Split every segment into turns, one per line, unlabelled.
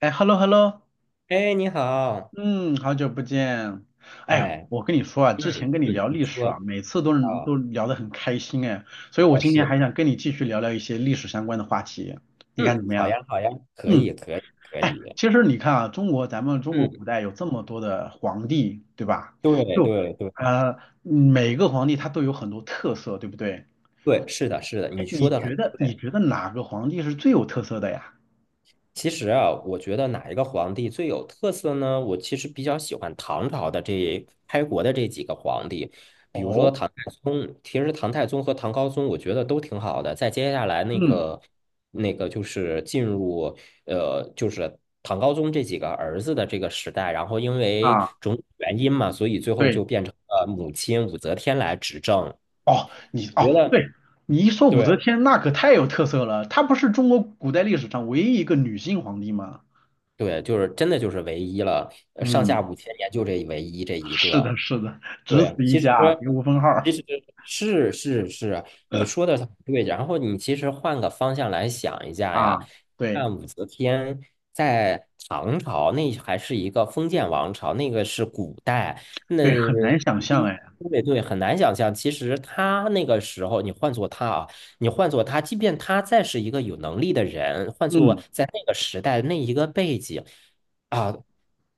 哎，hello hello，
哎，你好，
嗯，好久不见。哎，
哎，
我跟你说啊，之前
嗯
跟你
嗯
聊
你
历
说
史啊，每次都能
啊，
都聊得很开心哎，所以我
表
今天
示，
还想跟你继续聊聊一些历史相关的话题，你看怎
嗯，
么
好
样？
呀，好呀，可
嗯，
以，可以，可
哎，
以，
其实你看啊，咱们中国
嗯，
古代有这么多的皇帝，对吧？
对，
就
对，对，
每个皇帝他都有很多特色，对不对？
对，是的，是的，你
哎，
说
你
的很
觉得你
对，
觉得哪个皇帝是最有特色的呀？
其实啊，我觉得哪一个皇帝最有特色呢？我其实比较喜欢唐朝的这开国的这几个皇帝，比如说
哦，
唐太宗。其实唐太宗和唐高宗，我觉得都挺好的。在接下来那
嗯
个那个就是进入就是唐高宗这几个儿子的这个时代，然后因为
啊，
种种原因嘛，所以最后
对。
就变成了母亲武则天来执政。
哦，你
觉
哦，
得
对，你一说武则
对
天，那可太有特色了。她不是中国古代历史上唯一一个女性皇帝吗？
对，就是真的就是唯一了，上
嗯，
下五千年就这唯一这一
是
个。
的，是的，只
对啊，
此一
其实
家，别无分号
其
儿
实是是是啊，你说的对。然后你其实换个方向来想一下
啊。
呀，
对
看武则天在唐朝那还是一个封建王朝，那个是古代，那
对，很难想象哎。
对对，很难想象。其实他那个时候，你换做他，即便他再是一个有能力的人，换做
嗯，
在那个时代那一个背景。啊，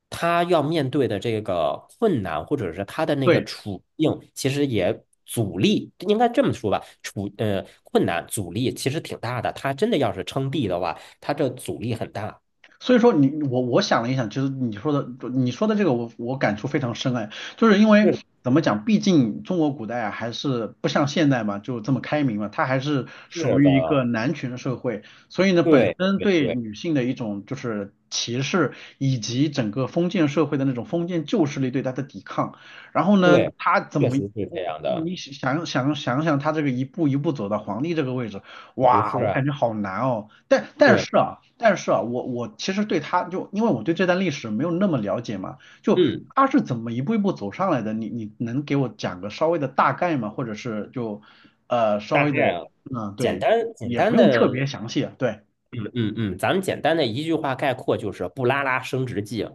他要面对的这个困难，或者是他的那个
对。
处境，其实也阻力，应该这么说吧，困难阻力其实挺大的。他真的要是称帝的话，他这阻力很大。
所以说我想了一想，其实你说的这个我感触非常深哎，就是因为
是的，
怎么讲，毕竟中国古代啊还是不像现代嘛，就这么开明嘛，它还是属
是的，
于一个男权社会，所以呢本
对
身
对
对
对
女性的一种就是歧视，以及整个封建社会的那种封建旧势力对她的抵抗，然后呢
对，
他怎
确
么？
实是这样
我
的，
你想想，他这个一步一步走到皇帝这个位置，
不
哇，
是
我
啊，
感觉好难哦。
对，
但是啊，我其实对他就因为我对这段历史没有那么了解嘛，就
嗯，
他是怎么一步一步走上来的？你能给我讲个稍微的大概吗？或者是就稍
大
微
概
的
啊，
嗯
简
对，
单简
也不
单
用特别
的，
详细啊。对，
嗯嗯嗯，咱们简单的一句话概括就是布拉拉升职记。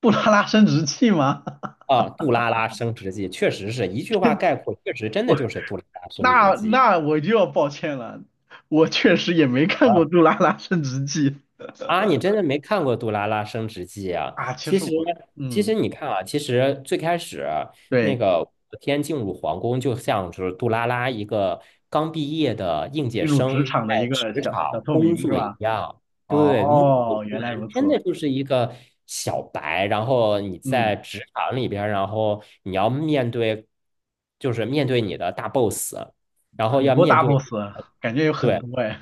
杜拉拉升职记吗？
啊，杜拉拉升职记确实是一句话概括，确实真的就是杜拉拉升职
那
记
那我就要抱歉了，我确实也没看过
啊。
《杜拉拉升职记》
啊，你真的没看过《杜拉拉升职记》啊？
啊。其
其
实
实，
我
其
嗯
实你看啊，其实最开始那
对，
个武则天进入皇宫，就像是杜拉拉一个刚毕业的应届
进入职
生
场
在
的一个
职
小小
场
透
工
明是
作一
吧？
样。对，目头
哦，
不
原来如
完，真
此。
的就是一个小白。然后你
嗯，
在职场里边儿然后你要面对，就是面对你的大 boss，然后
很
要
多
面
大
对，
boss，感觉有很
对，
多哎。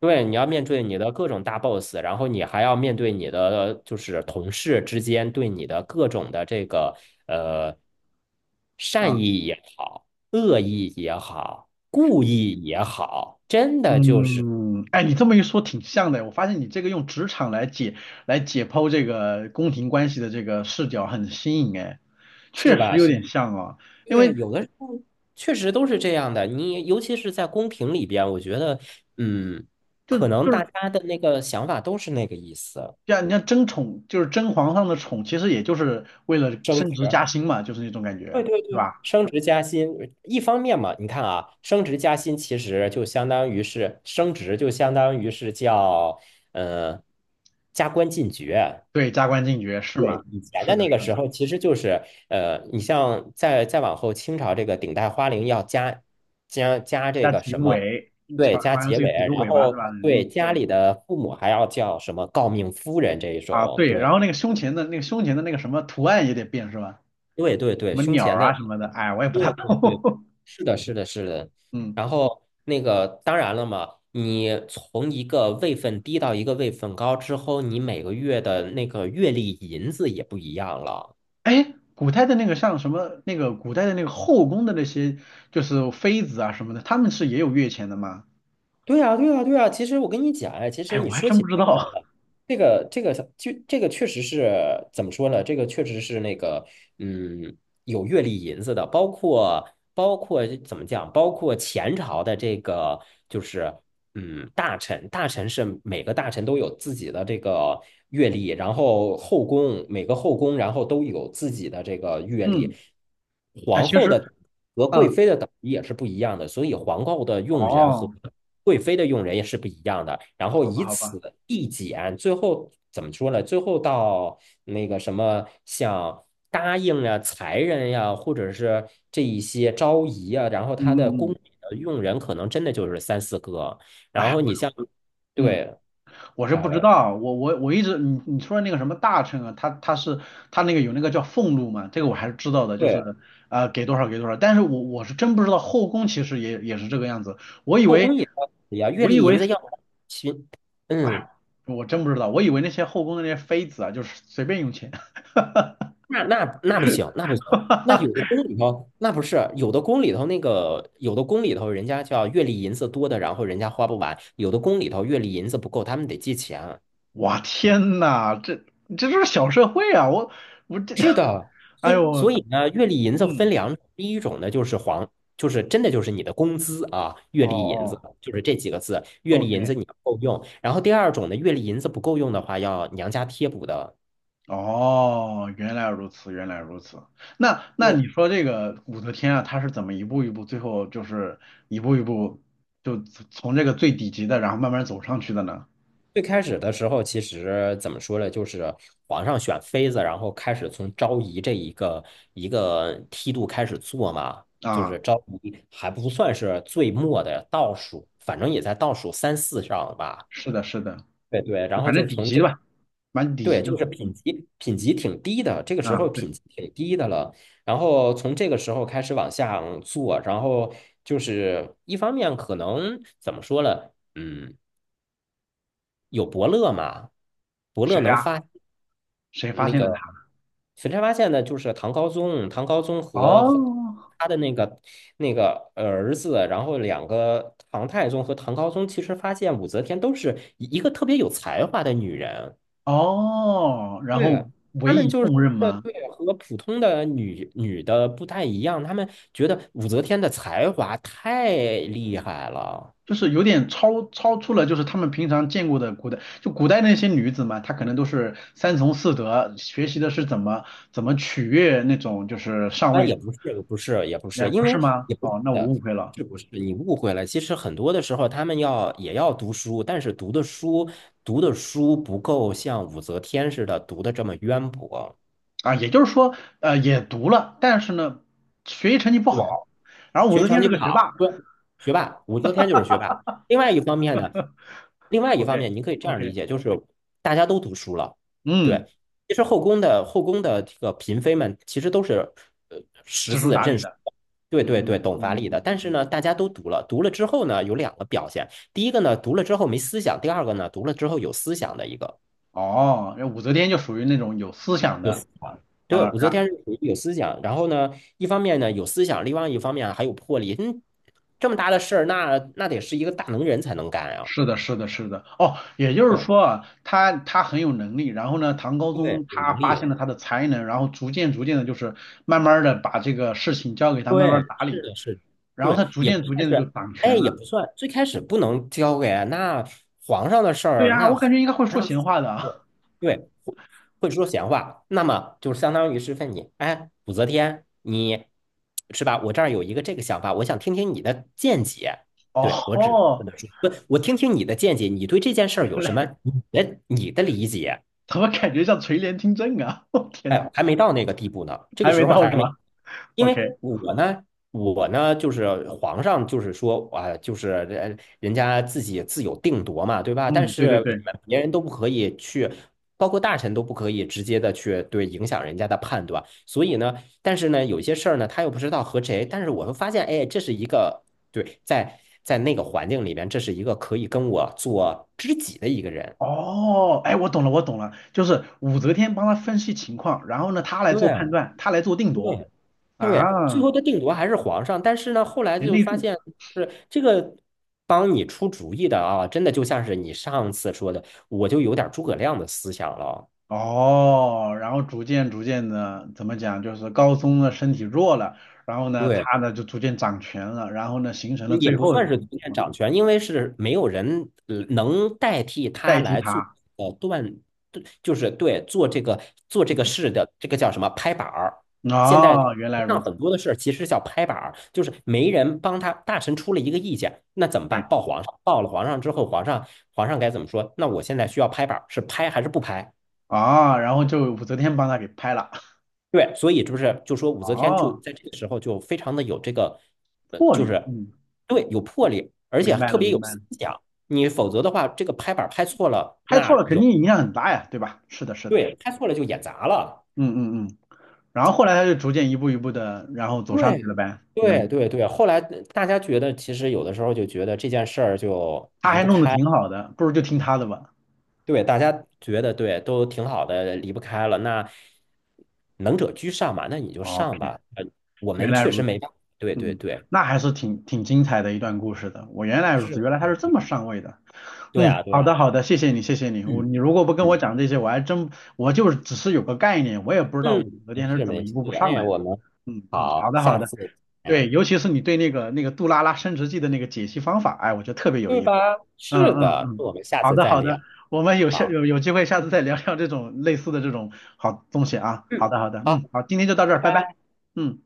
对，你要面对你的各种大 boss，然后你还要面对你的就是同事之间对你的各种的这个呃善
啊，
意也好，恶意也好，故意也好，真的就是
嗯，哎，你这么一说挺像的。我发现你这个用职场来解剖这个宫廷关系的这个视角很新颖哎，
是
确实
吧？
有
是吧，
点像啊。因
对，
为
有的时候确实都是这样的。你尤其是在公屏里边，我觉得嗯，
就
可能
就
大
是
家的那个想法都是那个意思，
像你像争宠，就是争皇上的宠，其实也就是为了
争
升
执。
职加薪嘛，就是那种感
对
觉，
对
是
对，
吧？
升职加薪，一方面嘛，你看啊，升职加薪其实就相当于是升职，就相当于是叫嗯呃加官进爵。
对，加官进爵是吗？
对，以前
是
的
的，
那个
是
时
的，
候，其实就是你像再往后，清朝这个顶戴花翎要加这
加
个
几
什么，
尾，
对，加
好像
结
是有
尾，
几个
然
尾巴是
后
吧？
对
嗯，
家
对。
里的父母还要叫什么诰命夫人这一
啊，
种，
对，然
对。
后那个胸前的那个什么图案也得变是吧？
对对
什
对，
么
胸
鸟
前
儿啊
的
什么的，
那个，
哎，我也不大
对对对，
懂。
是的，是的，是的。
嗯，
然后那个，当然了嘛，你从一个位分低到一个位分高之后，你每个月的那个月历银子也不一样了。
哎，古代的那个像什么那个古代的那个后宫的那些就是妃子啊什么的，他们是也有月钱的吗？
对呀，对呀，对呀。其实我跟你讲，哎，其实
哎，我
你
还
说
真不
起
知
这个
道。
来了，这个这个就这个确实是怎么说呢？这个确实是那个嗯，有月历银子的，包括怎么讲？包括前朝的这个就是。嗯，大臣是每个大臣都有自己的这个阅历，然后每个后宫，然后都有自己的这个阅历。
嗯，哎，
皇
其
后
实，
的和贵
嗯，
妃的等级也是不一样的，所以皇后的用人和
哦，
贵妃的用人也是不一样的。然后
好吧，
以
好吧，
此递减，最后怎么说呢？最后到那个什么，像答应啊、才人呀、或者是这一些昭仪啊，然后
嗯
他的
嗯
宫
嗯，
里的用人可能真的就是三四个。然
哎，
后
我，
你像，
嗯。
对，
我是
啊、
不知道，我一直你说的那个什么大臣啊，他是他那个有那个叫俸禄嘛，这个我还是知道的，就
对，
是给多少给多少，但是我是真不知道后宫其实也是这个样子，我以
后
为
宫也要月
我以
例银
为
子要行，
哎，
嗯，
我真不知道，我以为那些后宫的那些妃子啊，就是随便用钱，
那不行，那不行。那 有的宫里头，那不是有的宫里头那个，有的宫里头人家叫月例银子多的，然后人家花不完；有的宫里头月例银子不够，他们得借钱。
我天呐，这就是小社会啊，我这，
是的，
哎
所以
呦，
所以呢，月例银子分
嗯，
两种，第一种呢就是黄，就是真的就是你的工资啊，月
哦
例银子
哦
就是这几个字，月例银
，OK。
子你要够用。然后第二种呢，月例银子不够用的话，要娘家贴补的。
哦，原来如此，原来如此。那
对，
你说这个武则天啊，她是怎么一步一步，最后就是一步一步就从这个最底级的，然后慢慢走上去的呢？
最开始的时候，其实怎么说呢，就是皇上选妃子，然后开始从昭仪这一个一个梯度开始做嘛，就
啊，
是昭仪还不算是最末的倒数，反正也在倒数三四上吧。
是的，是的，
对对，
就
然后
反
就
正底
从
级的
这
吧，蛮底
对，
级的
就
嘛。
是品
嗯
级品级挺低的，这个时
啊，
候
对，
品级挺低的了。然后从这个时候开始往下做，然后就是一方面可能怎么说呢？嗯，有伯乐嘛，伯
谁
乐能
呀、
发
谁发
那
现了
个
她？
沈山发现呢，就是唐高宗和
哦
他的那个儿子，然后两个唐太宗和唐高宗，其实发现武则天都是一个特别有才华的女人。
哦，然后
对，
委
他们
以
就是
重任吗？
对，和普通的女的不太一样，他们觉得武则天的才华太厉害了
就是有点超出了，就是他们平常见过的古代，就古代那些女子嘛，她可能都是三从四德，学习的是怎么取悦那种就是上
啊，
位，
也不是，也不是，也不
哎，
是，
不
因
是
为
吗？
也不是
哦，那我
的，
误会了
是不是？你误会了。其实很多的时候，他们也要读书，但是读的书不够像武则天似的读的这么渊博。
啊，也就是说，也读了，但是呢，学习成绩不
对。
好，然后武
学
则
习成
天
绩
是
不
个学霸
好，对，学霸，武则天就是学霸。另外一方面呢，另外一方
，OK
面，您可以这样理
OK，
解，就是大家都读书了，对。
嗯，
其实后宫的这个嫔妃们，其实都是呃识
知书
字
达
认
理
书
的，
的对
嗯
对对，
嗯
懂法理的。
嗯
但
嗯，
是呢，大家都读了，读了之后呢，有两个表现：第一个呢，读了之后没思想；第二个呢，读了之后有思想的一个。
哦，那武则天就属于那种有思想
有
的
思想。
啊，
对，武则
然。
天是属于有思想，然后呢，一方面呢有思想，另外一方面啊还有魄力。嗯，这么大的事儿，那得是一个大能人才能干啊。
是的，是的，是的。哦，也就是
对
说啊，他很有能力，然后呢，唐高宗
对，有
他
能
发现
力。
了他的才能，然后逐渐逐渐的，就是慢慢的把这个事情交给他慢
对，
慢打
是
理，
的，是的，
然后他
对，
逐
也不
渐逐渐的
算
就
是，
掌
哎，
权
也
了。
不算，最开始不能交给啊那皇上的事
对
儿，
呀，
那
我
皇
感觉应该会说
上
闲话的
对
啊。
对会会说闲话，那么就相当于是问你，哎，武则天，你是吧？我这儿有一个这个想法，我想听听你的见解。
哦
对，我只能跟
吼
他说，不，我听听你的见解，你对这件事儿
原
有什
来
么你的理解？
怎么感觉像垂帘听政啊？我天呐，
哎，还没到那个地步呢，这
还
个
没
时候
到是
还没，
吧
因为
？OK，
我呢就是皇上，就是说啊，就是人家自己自有定夺嘛，对吧？但
嗯，对对
是
对。
别人都不可以去，包括大臣都不可以直接的去对影响人家的判断。所以呢，但是呢，有些事儿呢，他又不知道和谁，但是我会发现，哎，这是一个对，在那个环境里边，这是一个可以跟我做知己的一个人。
哦，哎，我懂了，我懂了，就是武则天帮他分析情况，然后呢，他来做判
对
断，他来做定夺
对，对，最
啊，
后的定夺还是皇上，但是呢，后来
贤
就
内
发
助。
现是这个帮你出主意的啊，真的就像是你上次说的，我就有点诸葛亮的思想了。
哦，然后逐渐逐渐的，怎么讲，就是高宗的身体弱了，然后呢，
对，
他呢就逐渐掌权了，然后呢，形成了
也
最
不
后
算是逐渐掌权，因为是没有人能代替他
代替
来做
他。
断，对就是对做这个
嗯
事的这个叫什么拍板儿。现在
哦，原来如
上
此，
很多的事儿其实叫拍板儿，就是没人帮他，大臣出了一个意见，那怎么
对，
办？报皇上，报了皇上之后，皇上该怎么说？那我现在需要拍板儿，是拍还是不拍？
啊、然后就武则天帮他给拍了。
对，所以不是就说武则天就
哦，
在这个时候就非常的有这个，
魄
就
力，
是
嗯，
对有魄力，而且
明白
特
了，
别
明
有
白
思
了，
想。你否则的话，这个拍板儿拍错了，
拍
那
错了肯
容
定影响很大呀，对吧？是的，是的，
对拍错了就演砸了。
嗯嗯嗯。然后后来他就逐渐一步一步的，然后走上去
对
了呗。
对
嗯，
对对，后来大家觉得，其实有的时候就觉得这件事儿就
他
离
还
不
弄得
开，
挺好的，不如就听他的吧。
对大家觉得对都挺好的，离不开了。那能者居上嘛，那你就
OK，
上吧。我
原
们
来
确实
如此。
没办法。对对
嗯，
对，
那还是挺精彩的一段故事的。我原来如此，原
是，
来他是这么上位的。
对
嗯，
啊对
好
啊。
的好的，谢谢你谢谢你。
嗯
如果不跟我
嗯
讲这些，我还真我就是只是有个概念，我也不知道
嗯，
武则
没
天是
事
怎么
没
一
事，
步步
哎
上
呀，
来的。
我们
嗯嗯，好
好，
的好
下
的，
次
对，
见，
尤其是你对那个杜拉拉升职记的那个解析方法，哎，我觉得特别有
对
意思。
吧？
嗯
是
嗯
的，那
嗯，
我们下
好
次
的
再
好
聊。
的，我们有下
好，
有有机会下次再聊聊这种类似的这种好东西啊。好
嗯，
的好的，
好，
嗯，好，今天就到这
拜
儿，拜拜。
拜。
嗯。